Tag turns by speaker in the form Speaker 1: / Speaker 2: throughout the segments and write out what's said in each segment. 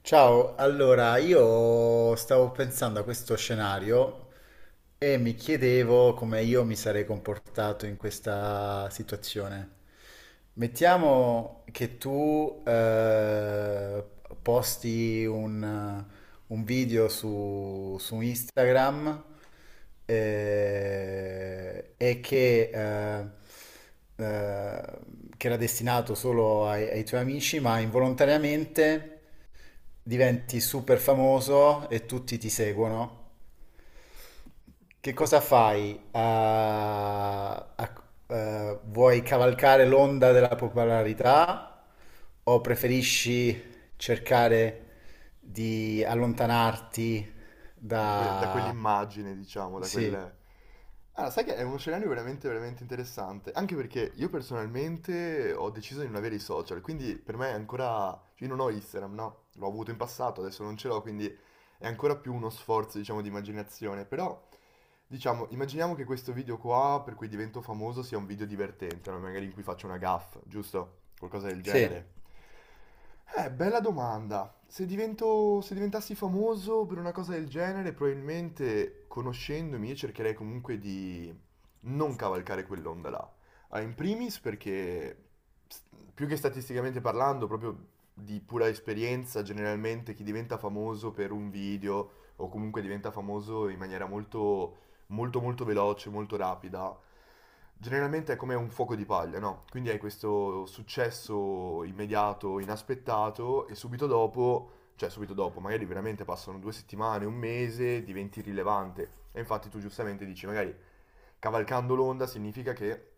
Speaker 1: Ciao, allora io stavo pensando a questo scenario e mi chiedevo come io mi sarei comportato in questa situazione. Mettiamo che tu posti un video su Instagram e che, eh, era destinato solo ai tuoi amici, ma involontariamente diventi super famoso e tutti ti seguono. Che
Speaker 2: Ok.
Speaker 1: cosa fai? Vuoi cavalcare l'onda della popolarità o preferisci cercare di allontanarti
Speaker 2: Da, que- da
Speaker 1: da...
Speaker 2: quell'immagine, diciamo, da
Speaker 1: Sì,
Speaker 2: quel... Ah, sai che è uno scenario veramente, veramente interessante, anche perché io personalmente ho deciso di non avere i social, quindi per me è ancora... cioè, io non ho Instagram, no? L'ho avuto in passato, adesso non ce l'ho, quindi è ancora più uno sforzo, diciamo, di immaginazione, però diciamo, immaginiamo che questo video qua, per cui divento famoso, sia un video divertente, no? Magari in cui faccio una gaffe, giusto? Qualcosa del
Speaker 1: sì.
Speaker 2: genere. Bella domanda. Se divento, se diventassi famoso per una cosa del genere, probabilmente conoscendomi io cercherei comunque di non cavalcare quell'onda là. Ah, in primis perché, s- più che statisticamente parlando, proprio di pura esperienza, generalmente chi diventa famoso per un video o comunque diventa famoso in maniera molto molto veloce, molto rapida, generalmente è come un fuoco di paglia, no? Quindi hai questo successo immediato, inaspettato e subito dopo, cioè subito dopo, magari veramente passano due settimane, un mese, diventi rilevante. E infatti tu giustamente dici, magari cavalcando l'onda significa che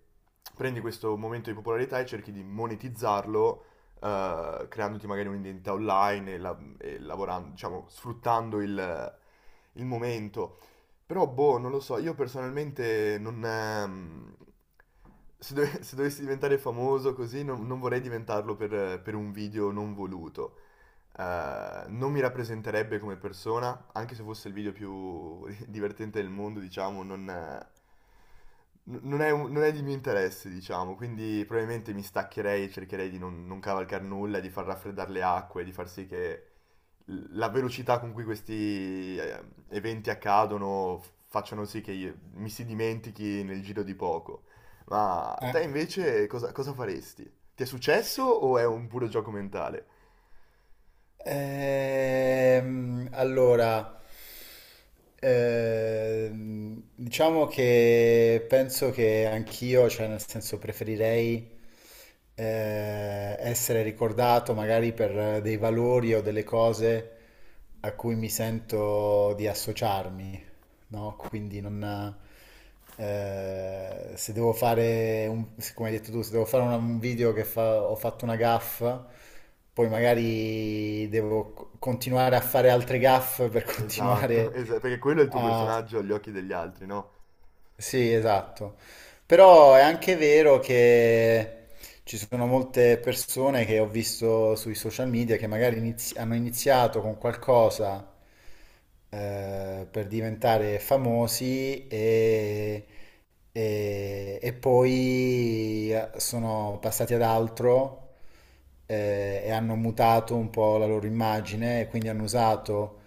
Speaker 2: prendi questo momento di popolarità e cerchi di monetizzarlo. Creandoti magari un'identità online e, la- e lavorando, diciamo, sfruttando il momento. Però, boh, non lo so, io personalmente non... se, dove- se dovessi diventare famoso così, non, non vorrei diventarlo per un video non voluto. Non mi rappresenterebbe come persona, anche se fosse il video più divertente del mondo, diciamo, non, n- non è, un- non è di mio interesse, diciamo, quindi probabilmente mi staccherei, cercherei di non, non cavalcare nulla, di far raffreddare le acque, di far sì che la velocità con cui questi eventi accadono f- facciano sì che io- mi si dimentichi nel giro di poco. Ma
Speaker 1: Eh.
Speaker 2: te invece cosa, cosa faresti? Ti è successo o è un puro gioco mentale?
Speaker 1: Allora, diciamo che penso che anch'io, cioè nel senso preferirei essere ricordato magari per dei valori o delle cose a cui mi sento di associarmi, no? Quindi non... se devo fare, un, come hai detto tu, se devo fare un video che ho fatto una gaffa, poi magari devo continuare a fare altre gaffe per
Speaker 2: Esatto,
Speaker 1: continuare
Speaker 2: esa- perché quello è il tuo
Speaker 1: a...
Speaker 2: personaggio agli occhi degli altri, no?
Speaker 1: Sì, esatto. Però è anche vero che ci sono molte persone che ho visto sui social media che magari hanno iniziato con qualcosa per diventare famosi e e poi sono passati ad altro e hanno mutato un po' la loro immagine e quindi hanno usato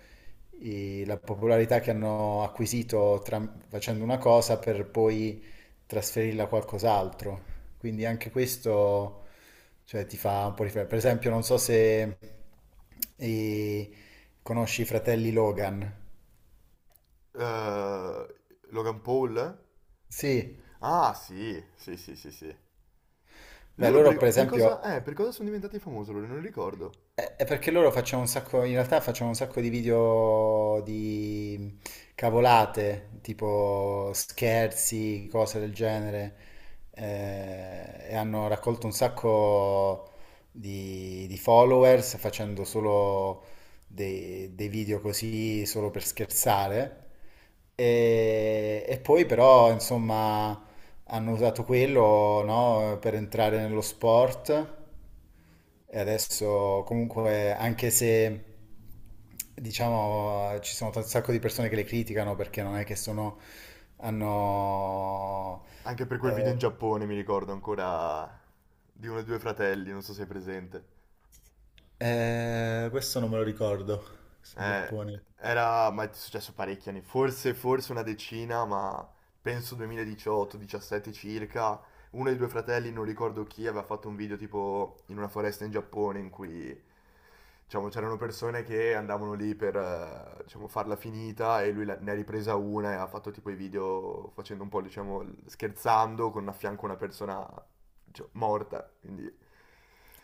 Speaker 1: la popolarità che hanno acquisito facendo una cosa per poi trasferirla a qualcos'altro. Quindi anche questo, cioè, ti fa un po' riflettere. Per esempio, non so se eh, conosci i fratelli Logan.
Speaker 2: Eh, Logan Paul?
Speaker 1: Sì,
Speaker 2: Ah, sì, sì, sì, sì, sì.
Speaker 1: beh,
Speaker 2: Loro
Speaker 1: loro per esempio.
Speaker 2: per cosa sono diventati famosi? Loro non ricordo.
Speaker 1: È perché loro facciamo un sacco, in realtà facciamo un sacco di video di cavolate, tipo scherzi, cose del genere, e hanno raccolto un sacco di followers facendo solo dei video così, solo per scherzare. E poi però, insomma, hanno usato quello, no, per entrare nello sport e adesso comunque anche se diciamo ci sono un sacco di persone che le criticano perché non è che sono hanno.
Speaker 2: Anche per quel video in
Speaker 1: eh,
Speaker 2: Giappone mi ricordo ancora di uno dei due fratelli, non so se è presente.
Speaker 1: Questo non me lo ricordo, questo in
Speaker 2: Eh,
Speaker 1: Giappone.
Speaker 2: Era, ma è successo parecchi anni, forse, forse una decina, ma penso 2018-17 circa. Uno dei due fratelli, non ricordo chi, aveva fatto un video tipo in una foresta in Giappone in cui, diciamo, c'erano persone che andavano lì per, diciamo, farla finita e lui la- ne ha ripresa una e ha fatto tipo i video facendo un po', diciamo, scherzando con a fianco una persona cioè, morta, quindi...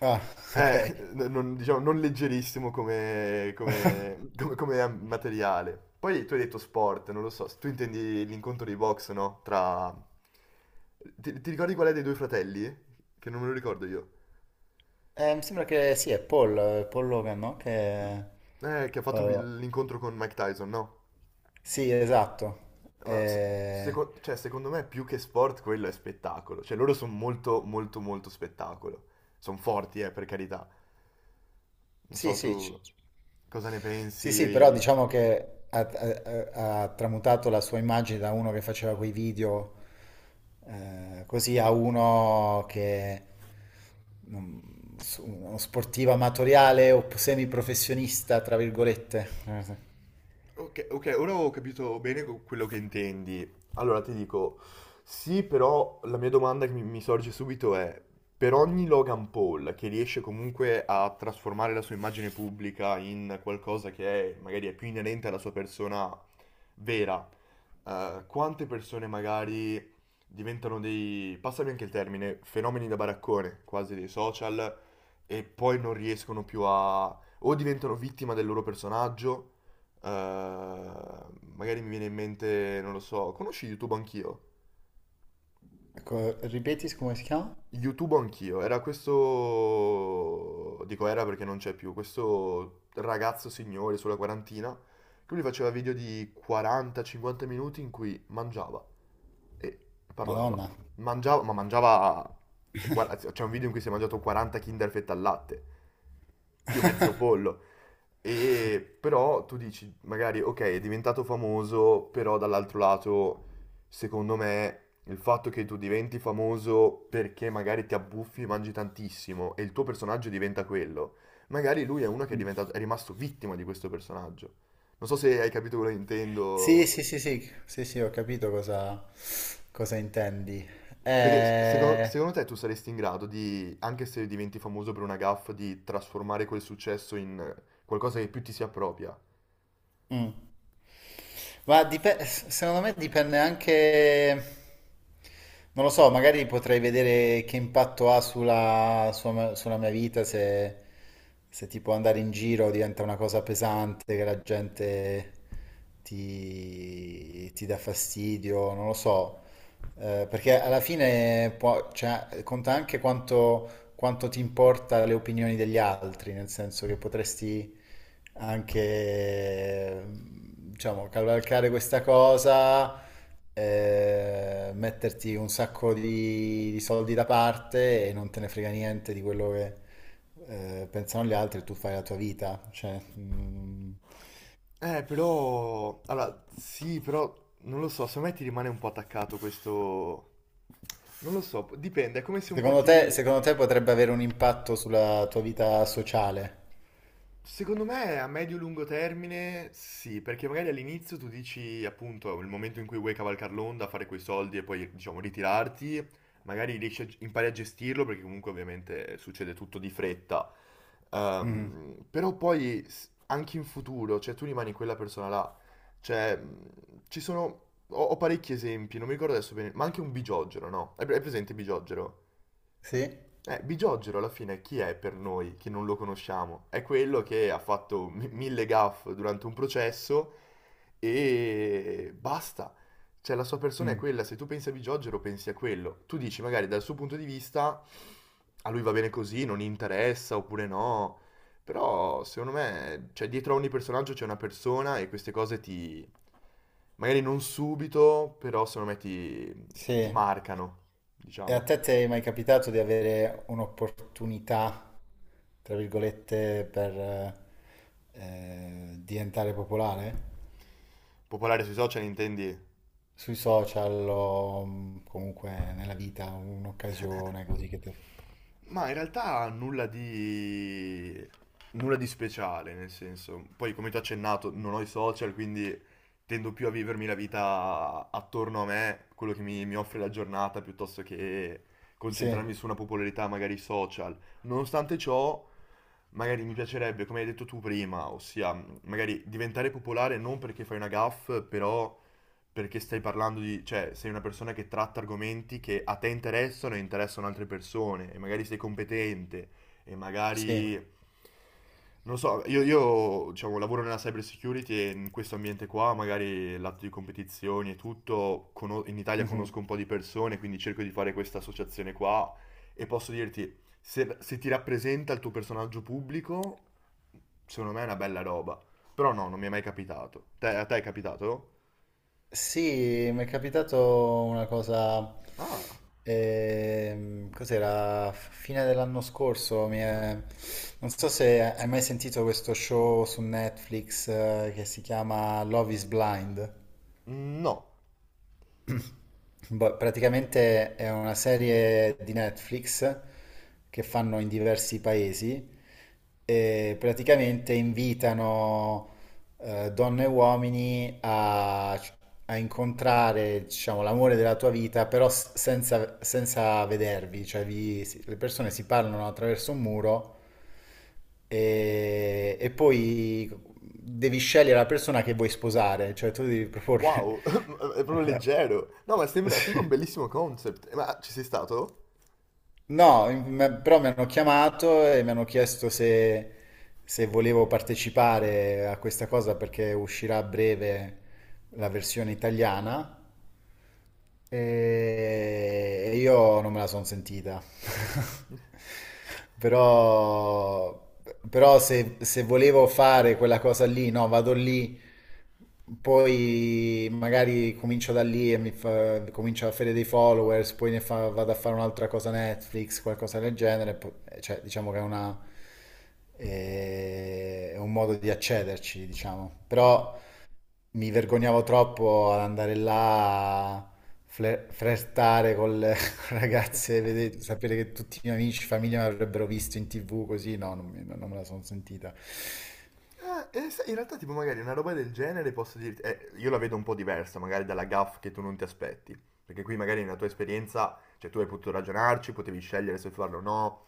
Speaker 1: Ah, ok.
Speaker 2: Eh, non, diciamo, non leggerissimo come, come- come- come materiale. Poi tu hai detto sport, non lo so, tu intendi l'incontro di box, no? Tra... Ti ricordi qual è dei due fratelli? Che non me lo ricordo io.
Speaker 1: Mi sembra che sì, è Paul, Paul Logan, no? Che,
Speaker 2: Che ha fatto
Speaker 1: eh,
Speaker 2: il- l'incontro con Mike Tyson, no?
Speaker 1: sì, esatto.
Speaker 2: Ma se- seco- cioè, secondo me più che sport quello è spettacolo. Cioè loro sono molto molto spettacolo. Sono forti, per carità. Non
Speaker 1: Sì,
Speaker 2: so, tu
Speaker 1: sì,
Speaker 2: cosa ne
Speaker 1: sì,
Speaker 2: pensi?
Speaker 1: sì, però diciamo che ha tramutato la sua immagine da uno che faceva quei video così a uno che uno sportivo amatoriale o semiprofessionista, tra virgolette. Sì.
Speaker 2: Ok, ok, ora ho capito bene co- quello che intendi. Allora ti dico, sì, però la mia domanda che mi sorge subito è, per ogni Logan Paul che riesce comunque a trasformare la sua immagine pubblica in qualcosa che è, magari è più inerente alla sua persona vera, quante persone magari diventano dei, passami anche il termine, fenomeni da baraccone, quasi dei social, e poi non riescono più a... o diventano vittima del loro personaggio. Magari mi viene in mente, non lo so, conosci YouTube Anch'io?
Speaker 1: Ecco, ripeti come si chiama?
Speaker 2: YouTube Anch'io, era questo, dico era perché non c'è più, questo ragazzo signore sulla quarantina che lui faceva video di 40-50 minuti in cui mangiava e parlava.
Speaker 1: Madonna.
Speaker 2: Mangiava, ma mangiava, cioè, guarda, c'è un video in cui si è mangiato 40 Kinder fette al latte, più mezzo pollo. E però tu dici, magari, ok, è diventato famoso, però dall'altro lato, secondo me, il fatto che tu diventi famoso perché magari ti abbuffi e mangi tantissimo e il tuo personaggio diventa quello, magari lui è uno che è diventato, è rimasto vittima di questo personaggio. Non so se hai capito quello che
Speaker 1: Sì,
Speaker 2: intendo.
Speaker 1: sì, sì, sì, sì, sì, ho capito cosa, cosa intendi.
Speaker 2: Perché s- secondo,
Speaker 1: Eh,
Speaker 2: secondo te tu saresti in grado di, anche se diventi famoso per una gaffe, di trasformare quel successo in qualcosa che più ti si appropria?
Speaker 1: mm. Ma secondo me dipende anche, non lo so, magari potrei vedere che impatto ha sulla, sulla mia vita se, se tipo andare in giro diventa una cosa pesante, che la gente ti, ti dà fastidio, non lo so. Perché alla fine cioè, conta anche quanto quanto ti importa le opinioni degli altri, nel senso che potresti anche, diciamo, cavalcare questa cosa, metterti un sacco di soldi da parte e non te ne frega niente di quello che pensano gli altri, e tu fai la tua vita. Cioè, mm,
Speaker 2: Però... Allora, sì, però non lo so, secondo me ti rimane un po' attaccato questo... Non lo so, dipende, è come se un po' ti...
Speaker 1: secondo te potrebbe avere un impatto sulla tua vita sociale?
Speaker 2: Secondo me a medio-lungo termine sì, perché magari all'inizio tu dici appunto il momento in cui vuoi cavalcare l'onda, fare quei soldi e poi diciamo ritirarti, magari riesci a, g- impari a gestirlo perché comunque ovviamente succede tutto di fretta.
Speaker 1: Mm.
Speaker 2: Però poi s- anche in futuro, cioè tu rimani quella persona là, cioè ci sono, ho, ho parecchi esempi, non mi ricordo adesso bene, ma anche un bigiogero, no? Hai pre- hai presente il bigiogero?
Speaker 1: Sì?
Speaker 2: Bigiorgero alla fine chi è per noi che non lo conosciamo? È quello che ha fatto mi- mille gaffe durante un processo e basta. Cioè la sua persona è
Speaker 1: Mm.
Speaker 2: quella, se tu pensi a Bigiorgero pensi a quello. Tu dici magari dal suo punto di vista a lui va bene così, non gli interessa oppure no. Però secondo me, cioè dietro a ogni personaggio c'è una persona e queste cose ti... magari non subito, però secondo me ti, ti
Speaker 1: Sì.
Speaker 2: marcano,
Speaker 1: E a
Speaker 2: diciamo.
Speaker 1: te ti è mai capitato di avere un'opportunità, tra virgolette, per diventare popolare?
Speaker 2: Popolare sui social intendi?
Speaker 1: Sui social o comunque nella vita, un'occasione così che ti...
Speaker 2: Ma in realtà nulla di speciale, nel senso. Poi come ti ho accennato, non ho i social, quindi tendo più a vivermi la vita attorno a me, quello che mi offre la giornata, piuttosto che
Speaker 1: Sì,
Speaker 2: concentrarmi su una popolarità magari social. Nonostante ciò, magari mi piacerebbe, come hai detto tu prima, ossia magari diventare popolare non perché fai una gaff, però perché stai parlando di, cioè, sei una persona che tratta argomenti che a te interessano e interessano altre persone, e magari sei competente, e
Speaker 1: sì.
Speaker 2: magari, non lo so, io, diciamo, lavoro nella cyber security e in questo ambiente qua, magari il lato di competizioni e tutto, cono- in Italia
Speaker 1: Mhm.
Speaker 2: conosco un po' di persone, quindi cerco di fare questa associazione qua, e posso dirti, se, se ti rappresenta il tuo personaggio pubblico, secondo me è una bella roba. Però no, non mi è mai capitato. Te- a te è capitato?
Speaker 1: Sì, mi è capitato una cosa,
Speaker 2: Ah,
Speaker 1: cos'era, fine dell'anno scorso, non so se hai mai sentito questo show su Netflix, che si chiama Love is Blind.
Speaker 2: no.
Speaker 1: Boh, praticamente è una serie di Netflix che fanno in diversi paesi e praticamente invitano donne e uomini a, a incontrare, diciamo, l'amore della tua vita, però senza, senza vedervi, cioè le persone si parlano attraverso un muro e poi devi scegliere la persona che vuoi sposare, cioè tu devi proporre...
Speaker 2: Wow, è proprio leggero. No, ma sembra, sembra un bellissimo concept. Ma ci sei stato?
Speaker 1: No, però mi hanno chiamato e mi hanno chiesto se, se volevo partecipare a questa cosa perché uscirà a breve la versione italiana e io non me la sono sentita. Però, però se, se volevo fare quella cosa lì, no, vado lì, poi magari comincio da lì e comincio a fare dei followers, poi vado a fare un'altra cosa Netflix, qualcosa del genere, cioè diciamo che è una, è un modo di accederci, diciamo. Però mi vergognavo troppo ad andare là a flirtare con le ragazze, sapere che tutti i miei amici, famiglia mi avrebbero visto in TV così, no, non, non me la sono sentita.
Speaker 2: Sai, in realtà, tipo, magari una roba del genere posso dirti. Io la vedo un po' diversa, magari dalla gaff che tu non ti aspetti. Perché qui magari nella tua esperienza, cioè tu hai potuto ragionarci, potevi scegliere se farlo o no.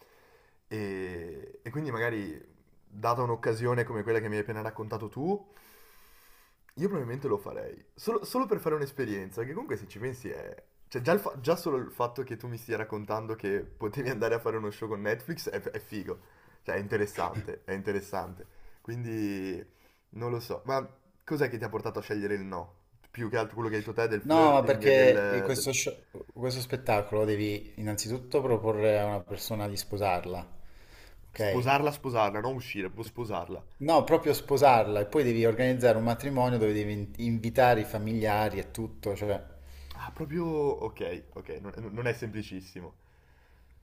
Speaker 2: E quindi magari, data un'occasione come quella che mi hai appena raccontato tu, io probabilmente lo farei. Solo, solo per fare un'esperienza, perché comunque se ci pensi è... cioè già, il fa- già solo il fatto che tu mi stia raccontando che potevi andare a fare uno show con Netflix è figo. Cioè è interessante, è interessante. Quindi non lo so. Ma cos'è che ti ha portato a scegliere il no? Più che altro quello che hai detto te del
Speaker 1: No, ma
Speaker 2: flirting e del,
Speaker 1: perché
Speaker 2: del-
Speaker 1: questo spettacolo devi innanzitutto proporre a una persona di sposarla, ok?
Speaker 2: sposarla, sposarla, non uscire, proprio sposarla.
Speaker 1: No, proprio sposarla e poi devi organizzare un matrimonio dove devi invitare i familiari e tutto, cioè...
Speaker 2: Ah, proprio... Ok, ok, non, non è semplicissimo.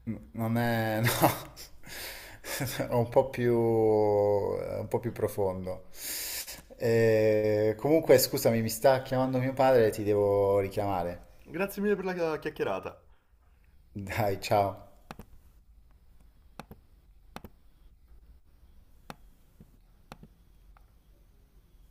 Speaker 1: Non è, no, è un po' più, è un po' più profondo. Comunque, scusami, mi sta chiamando mio padre, ti devo richiamare.
Speaker 2: Grazie mille per la chiacchierata.
Speaker 1: Dai, ciao.